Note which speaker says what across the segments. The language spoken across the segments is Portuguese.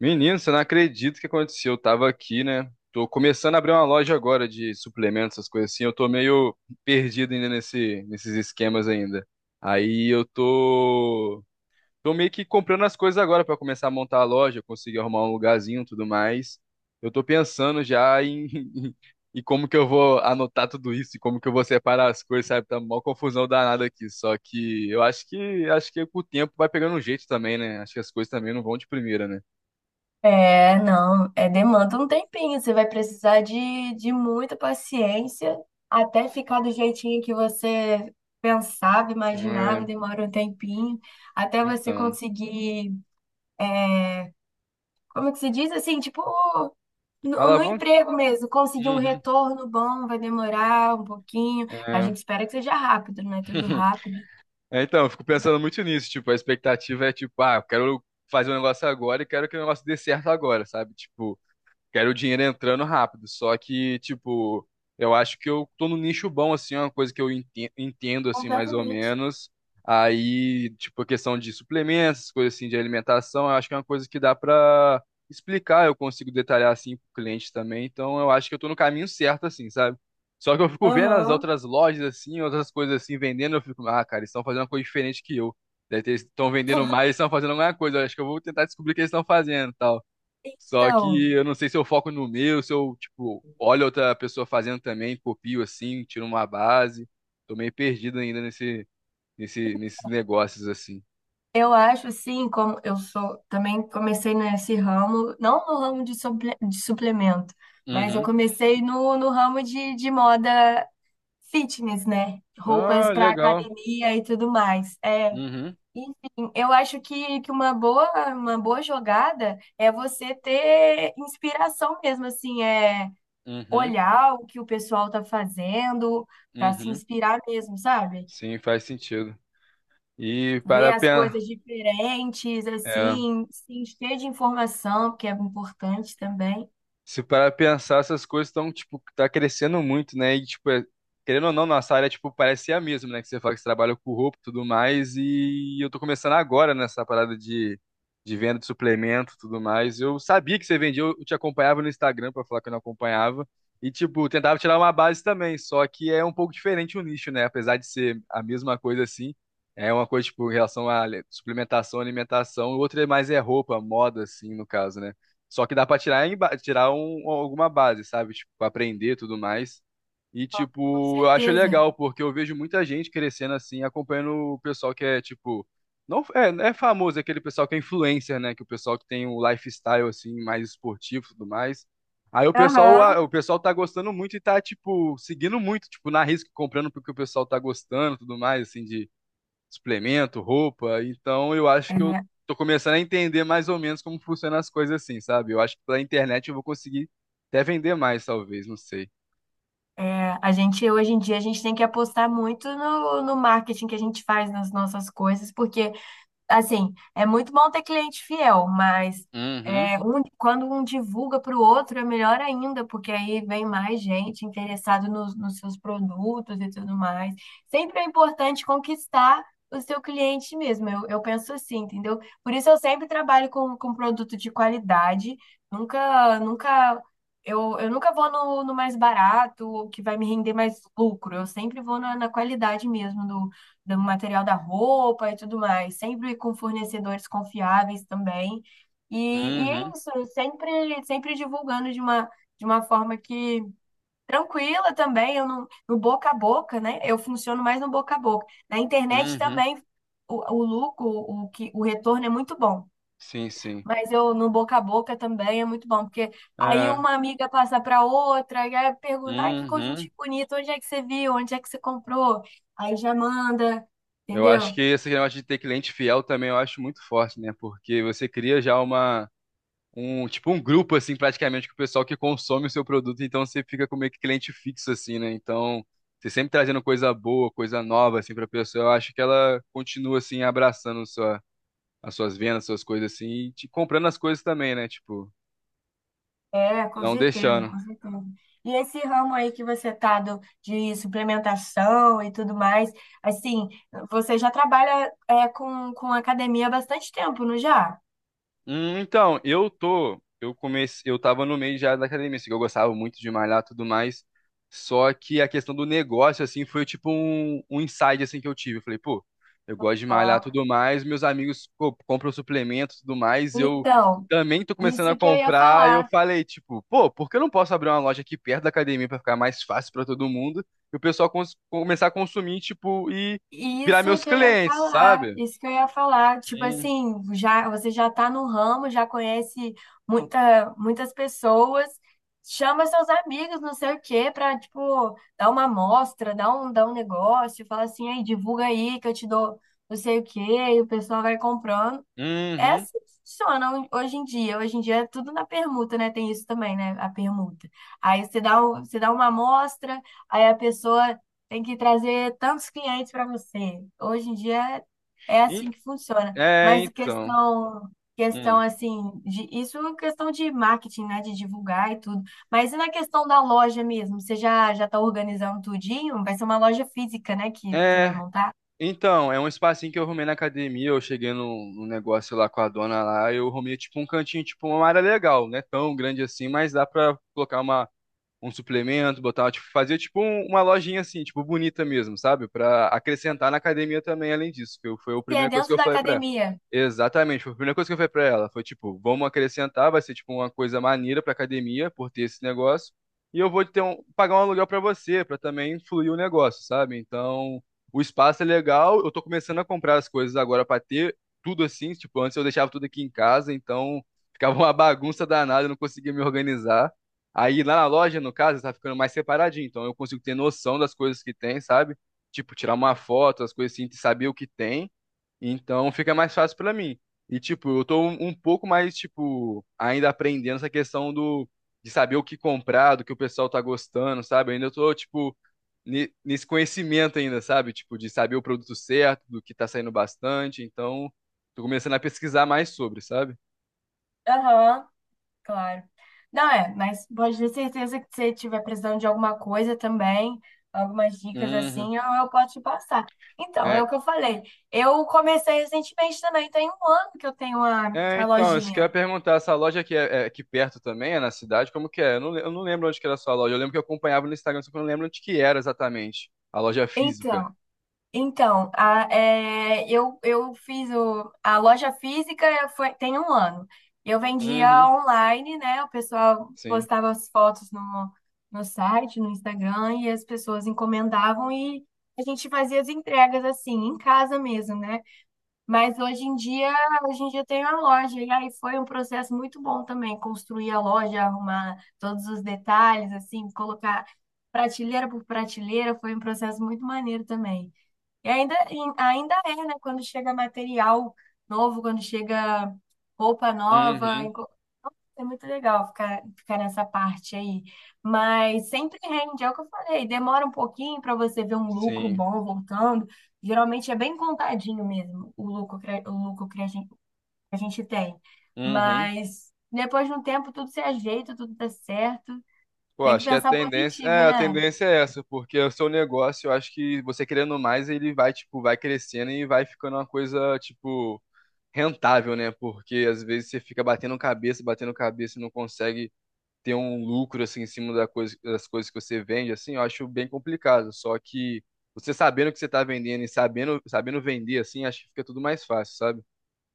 Speaker 1: Menino, você não acredita o que aconteceu. Eu tava aqui, né? Tô começando a abrir uma loja agora de suplementos, essas coisas assim. Eu tô meio perdido ainda nesses esquemas ainda. Aí eu tô meio que comprando as coisas agora pra começar a montar a loja, conseguir arrumar um lugarzinho e tudo mais. Eu tô pensando já em, em como que eu vou anotar tudo isso e como que eu vou separar as coisas, sabe? Tá uma confusão danada aqui. Só que eu acho que com o tempo vai pegando um jeito também, né? Acho que as coisas também não vão de primeira,
Speaker 2: É, não, é demanda um tempinho. Você vai precisar de muita paciência até ficar do jeitinho que você pensava, imaginava,
Speaker 1: né?
Speaker 2: demora um tempinho, até você
Speaker 1: Então,
Speaker 2: conseguir, como é que se diz assim, tipo, no
Speaker 1: alavanca.
Speaker 2: emprego mesmo, conseguir um
Speaker 1: Uhum.
Speaker 2: retorno bom, vai demorar um pouquinho. A
Speaker 1: É.
Speaker 2: gente espera que seja rápido, não é tudo rápido.
Speaker 1: É, então, eu fico pensando muito nisso, tipo, a expectativa é tipo, ah, eu quero fazer um negócio agora e quero que o negócio dê certo agora, sabe? Tipo, quero o dinheiro entrando rápido. Só que, tipo, eu acho que eu tô num nicho bom, assim, é uma coisa que eu entendo, assim, mais ou
Speaker 2: Completamente.
Speaker 1: menos. Aí, tipo, a questão de suplementos, coisas assim, de alimentação, eu acho que é uma coisa que dá pra explicar, eu consigo detalhar, assim, pro cliente também. Então, eu acho que eu tô no caminho certo, assim, sabe? Só que eu fico vendo as
Speaker 2: Aham.
Speaker 1: outras lojas, assim, outras coisas assim, vendendo, eu fico, ah, cara, eles estão fazendo uma coisa diferente que eu. Eles estão vendendo mais, eles estão fazendo alguma coisa. Eu acho que eu vou tentar descobrir o que eles estão fazendo, e tal. Só
Speaker 2: Então.
Speaker 1: que eu não sei se eu foco no meu, se eu, tipo, olho outra pessoa fazendo também, copio assim, tiro uma base. Tô meio perdido ainda nesses negócios assim.
Speaker 2: Eu acho assim, como eu sou, também comecei nesse ramo, não no ramo de, de suplemento, mas eu
Speaker 1: Uhum.
Speaker 2: comecei no ramo de moda fitness, né? Roupas
Speaker 1: Ah,
Speaker 2: para
Speaker 1: legal.
Speaker 2: academia e tudo mais. É,
Speaker 1: Uhum,
Speaker 2: enfim, eu acho que uma boa jogada é você ter inspiração mesmo, assim, é
Speaker 1: uhum,
Speaker 2: olhar o que o pessoal tá fazendo
Speaker 1: uhum.
Speaker 2: para se
Speaker 1: Uhum.
Speaker 2: inspirar mesmo, sabe?
Speaker 1: Sim, faz sentido. E
Speaker 2: Ver
Speaker 1: para
Speaker 2: as
Speaker 1: pensar.
Speaker 2: coisas diferentes, assim, se encher de informação, que é importante também.
Speaker 1: Se parar pra pensar, essas coisas estão, tipo, tá crescendo muito, né? E, tipo, querendo ou não, nossa área, tipo, parece ser a mesma, né? Que você fala que você trabalha com roupa e tudo mais, e eu tô começando agora nessa parada de venda de suplemento e tudo mais. Eu sabia que você vendia, eu te acompanhava no Instagram pra falar que eu não acompanhava, e, tipo, tentava tirar uma base também, só que é um pouco diferente o nicho, né? Apesar de ser a mesma coisa assim, é uma coisa, tipo, em relação à suplementação, alimentação, o outro é mais é roupa, moda, assim, no caso, né? Só que dá pra tirar, em ba- tirar um, alguma base, sabe? Tipo, aprender e tudo mais. E,
Speaker 2: Com
Speaker 1: tipo, eu acho
Speaker 2: certeza.
Speaker 1: legal, porque eu vejo muita gente crescendo assim, acompanhando o pessoal que é, tipo. Não, é, não é famoso, é aquele pessoal que é influencer, né? Que o pessoal que tem um lifestyle, assim, mais esportivo e tudo mais. Aí o pessoal, a-
Speaker 2: Aham.
Speaker 1: o pessoal tá gostando muito e tá, tipo, seguindo muito, tipo, na risca, comprando porque o pessoal tá gostando e tudo mais, assim, de suplemento, roupa. Então eu acho
Speaker 2: É,
Speaker 1: que eu tô começando a entender mais ou menos como funcionam as coisas assim, sabe? Eu acho que pela internet eu vou conseguir até vender mais, talvez, não sei.
Speaker 2: a gente, hoje em dia, a gente tem que apostar muito no marketing que a gente faz nas nossas coisas, porque assim, é muito bom ter cliente fiel, mas
Speaker 1: Uhum,
Speaker 2: é, quando um divulga para o outro é melhor ainda, porque aí vem mais gente interessada nos seus produtos e tudo mais. Sempre é importante conquistar o seu cliente mesmo, eu penso assim, entendeu? Por isso eu sempre trabalho com produto de qualidade, nunca, nunca, eu nunca vou no mais barato, o que vai me render mais lucro, eu sempre vou na qualidade mesmo do material da roupa e tudo mais, sempre com fornecedores confiáveis também. E, e é
Speaker 1: uhum,
Speaker 2: isso, sempre, sempre divulgando de uma forma que tranquila também, eu não, no boca a boca, né? Eu funciono mais no boca a boca. Na internet
Speaker 1: uhum.
Speaker 2: também o lucro, o retorno é muito bom.
Speaker 1: Sim, sim.
Speaker 2: Mas eu no boca a boca também é muito bom, porque aí
Speaker 1: É,
Speaker 2: uma amiga passa para outra, e aí pergunta, ah, que
Speaker 1: uhum.
Speaker 2: conjuntinho bonito, onde é que você viu, onde é que você comprou? Aí já manda,
Speaker 1: Eu acho
Speaker 2: entendeu?
Speaker 1: que esse negócio de ter cliente fiel também eu acho muito forte, né? Porque você cria já uma um tipo um grupo assim praticamente com o pessoal que consome o seu produto, então você fica com meio que cliente fixo assim, né? Então, você sempre trazendo coisa boa, coisa nova assim para pessoa, eu acho que ela continua assim abraçando sua as suas vendas, suas coisas assim, e te comprando as coisas também, né? Tipo,
Speaker 2: É, com
Speaker 1: não
Speaker 2: certeza,
Speaker 1: deixando.
Speaker 2: com certeza. E esse ramo aí que você tá do, de suplementação e tudo mais, assim, você já trabalha é, com academia há bastante tempo, não já?
Speaker 1: Então, eu tô, eu comecei, eu tava no meio já da academia, assim, que eu gostava muito de malhar e tudo mais. Só que a questão do negócio, assim, foi tipo um, um insight, assim, que eu tive. Eu falei, pô, eu gosto de malhar e
Speaker 2: Ah,
Speaker 1: tudo mais, meus amigos, pô, compram suplementos e tudo mais, eu
Speaker 2: então,
Speaker 1: também tô começando a
Speaker 2: isso que eu ia
Speaker 1: comprar. E eu
Speaker 2: falar.
Speaker 1: falei, tipo, pô, por que eu não posso abrir uma loja aqui perto da academia pra ficar mais fácil pra todo mundo? E o pessoal começar a consumir, tipo, e virar
Speaker 2: Isso
Speaker 1: meus
Speaker 2: que eu ia
Speaker 1: clientes,
Speaker 2: falar,
Speaker 1: sabe?
Speaker 2: isso que eu ia falar. Tipo
Speaker 1: Hum.
Speaker 2: assim, já você já tá no ramo, já conhece muita, muitas pessoas, chama seus amigos, não sei o quê, pra, tipo, dar uma amostra, dar um negócio, fala assim, aí, divulga aí que eu te dou não sei o quê, e o pessoal vai comprando.
Speaker 1: Uhum.
Speaker 2: Essas funcionam hoje em dia. Hoje em dia é tudo na permuta, né? Tem isso também, né? A permuta. Aí você dá, você dá uma amostra, aí a pessoa tem que trazer tantos clientes para você. Hoje em dia é assim que funciona.
Speaker 1: É,
Speaker 2: Mas
Speaker 1: então.
Speaker 2: questão, questão
Speaker 1: Hum.
Speaker 2: assim, de, isso é questão de marketing, né? De divulgar e tudo. Mas e na questão da loja mesmo? Você já está organizando tudinho? Vai ser uma loja física, né? Que você vai
Speaker 1: É,
Speaker 2: montar?
Speaker 1: então, é um espacinho que eu arrumei na academia, eu cheguei no num negócio lá com a dona lá, eu arrumei tipo um cantinho, tipo uma área legal, né? Tão grande assim, mas dá pra colocar uma um suplemento, botava, tipo, fazia tipo uma lojinha assim, tipo, bonita mesmo, sabe? Pra acrescentar na academia também, além disso, foi a
Speaker 2: Se é
Speaker 1: primeira coisa que
Speaker 2: dentro
Speaker 1: eu
Speaker 2: da
Speaker 1: falei pra ela.
Speaker 2: academia.
Speaker 1: Exatamente, foi a primeira coisa que eu falei pra ela. Foi tipo, vamos acrescentar, vai ser tipo uma coisa maneira pra academia por ter esse negócio. E eu vou ter um, pagar um aluguel pra você, pra também fluir o negócio, sabe? Então, o espaço é legal, eu tô começando a comprar as coisas agora pra ter tudo assim, tipo, antes eu deixava tudo aqui em casa, então ficava uma bagunça danada, eu não conseguia me organizar. Aí lá na loja, no caso, tá ficando mais separadinho. Então eu consigo ter noção das coisas que tem, sabe? Tipo, tirar uma foto, as coisas assim, saber o que tem. Então fica mais fácil pra mim. E tipo, eu tô um pouco mais, tipo, ainda aprendendo essa questão do de saber o que comprar, do que o pessoal tá gostando, sabe? Ainda eu tô, tipo, nesse conhecimento ainda, sabe? Tipo, de saber o produto certo, do que tá saindo bastante. Então, tô começando a pesquisar mais sobre, sabe?
Speaker 2: Aham. Claro. Não é, mas pode ter certeza que se você tiver precisando de alguma coisa também, algumas dicas
Speaker 1: Uhum.
Speaker 2: assim, eu posso te passar. Então, é o que eu falei. Eu comecei recentemente também, tem um ano que eu tenho a,
Speaker 1: É,
Speaker 2: a
Speaker 1: então, isso que eu ia
Speaker 2: lojinha.
Speaker 1: perguntar, essa loja aqui é aqui perto também, é na cidade, como que é? Eu não lembro onde que era a sua loja, eu lembro que eu acompanhava no Instagram, só que eu não lembro onde que era exatamente, a loja física.
Speaker 2: Então, então, eu fiz a loja física foi, tem um ano. Eu vendia
Speaker 1: Uhum,
Speaker 2: online, né? O pessoal
Speaker 1: sim,
Speaker 2: postava as fotos no, no site, no Instagram, e as pessoas encomendavam e a gente fazia as entregas assim, em casa mesmo, né? Mas hoje em dia tem a loja, e aí foi um processo muito bom também, construir a loja, arrumar todos os detalhes, assim, colocar prateleira por prateleira, foi um processo muito maneiro também. E ainda é, né? Quando chega material novo, quando chega roupa nova,
Speaker 1: uhum,
Speaker 2: é muito legal ficar, ficar nessa parte aí. Mas sempre rende, é o que eu falei, demora um pouquinho para você ver um lucro
Speaker 1: sim,
Speaker 2: bom voltando. Geralmente é bem contadinho mesmo o lucro, o lucro que a gente tem.
Speaker 1: uhum.
Speaker 2: Mas depois de um tempo tudo se ajeita, tudo dá certo.
Speaker 1: Pô,
Speaker 2: Tem que
Speaker 1: acho que
Speaker 2: pensar positivo,
Speaker 1: a
Speaker 2: né?
Speaker 1: tendência é essa, porque o seu negócio, eu acho que você querendo mais, ele vai, tipo, vai crescendo e vai ficando uma coisa, tipo, rentável, né? Porque às vezes você fica batendo cabeça e não consegue ter um lucro assim em cima da das coisas que você vende, assim, eu acho bem complicado. Só que você sabendo o que você tá vendendo e sabendo vender, assim, acho que fica tudo mais fácil, sabe?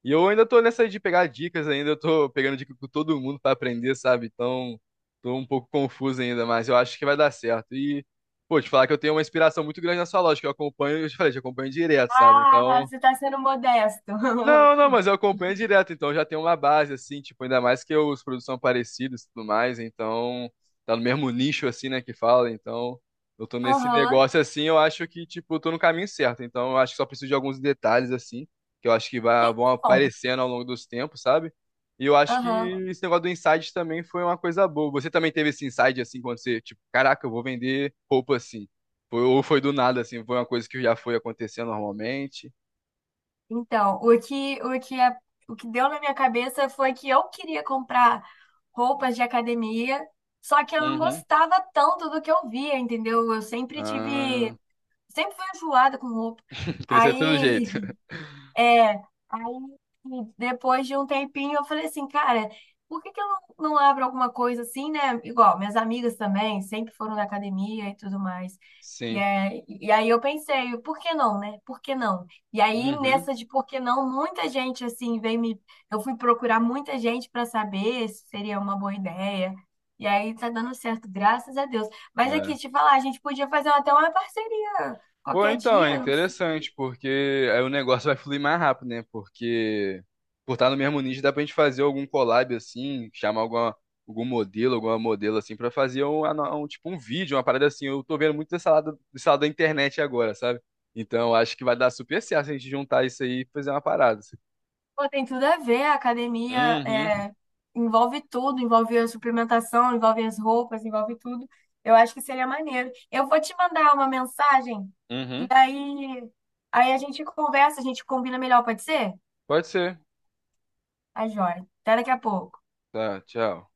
Speaker 1: E eu ainda tô nessa de pegar dicas ainda, eu tô pegando dica com todo mundo pra aprender, sabe? Então, tô um pouco confuso ainda, mas eu acho que vai dar certo. E, pô, te falar que eu tenho uma inspiração muito grande na sua loja, que eu acompanho, eu te falei, te acompanho direto, sabe?
Speaker 2: Ah,
Speaker 1: Então,
Speaker 2: você está sendo modesto.
Speaker 1: não, não, mas eu acompanho direto, então já tem uma base, assim, tipo, ainda mais que os produtos são parecidos e tudo mais, então tá no mesmo nicho, assim, né, que fala, então eu tô nesse
Speaker 2: Aham.
Speaker 1: negócio, assim, eu acho que, tipo, eu tô no caminho certo, então eu acho que só preciso de alguns detalhes, assim, que eu acho que vão
Speaker 2: Então.
Speaker 1: aparecendo ao longo dos tempos, sabe? E eu acho que
Speaker 2: Aham.
Speaker 1: esse negócio do insight também foi uma coisa boa. Você também teve esse insight, assim, quando você, tipo, caraca, eu vou vender roupa, assim. Ou foi do nada, assim, foi uma coisa que já foi acontecendo normalmente?
Speaker 2: Então, o que deu na minha cabeça foi que eu queria comprar roupas de academia, só que eu não
Speaker 1: Uhum.
Speaker 2: gostava tanto do que eu via, entendeu? Eu sempre tive,
Speaker 1: Ah.
Speaker 2: sempre fui enjoada com roupa.
Speaker 1: Crescer de todo jeito.
Speaker 2: Aí, é, aí depois de um tempinho eu falei assim, cara, por que que eu não abro alguma coisa assim, né? Igual, minhas amigas também sempre foram na academia e tudo mais. E,
Speaker 1: Sim.
Speaker 2: e aí eu pensei, por que não, né? Por que não? E aí
Speaker 1: Uhum.
Speaker 2: nessa de por que não, muita gente assim veio me, eu fui procurar muita gente para saber se seria uma boa ideia. E aí tá dando certo, graças a Deus. Mas aqui,
Speaker 1: É.
Speaker 2: te falar, a gente podia fazer até uma parceria
Speaker 1: Pô,
Speaker 2: qualquer
Speaker 1: então, é
Speaker 2: dia.
Speaker 1: interessante, porque aí o negócio vai fluir mais rápido, né? Porque por estar no mesmo nicho, dá pra gente fazer algum collab assim, chamar alguma, algum modelo, alguma modelo assim, pra fazer um, ano- um- tipo um vídeo, uma parada assim. Eu tô vendo muito desse lado da internet agora, sabe? Então, eu acho que vai dar super certo se a gente juntar isso aí e fazer uma parada, assim.
Speaker 2: Pô, tem tudo a ver, a academia
Speaker 1: Uhum,
Speaker 2: é, envolve tudo, envolve a suplementação, envolve as roupas, envolve tudo. Eu acho que seria maneiro. Eu vou te mandar uma mensagem e
Speaker 1: uhum.
Speaker 2: aí, aí a gente conversa, a gente combina melhor, pode ser?
Speaker 1: Pode ser.
Speaker 2: Tá joia. Até daqui a pouco.
Speaker 1: Tá, tchau.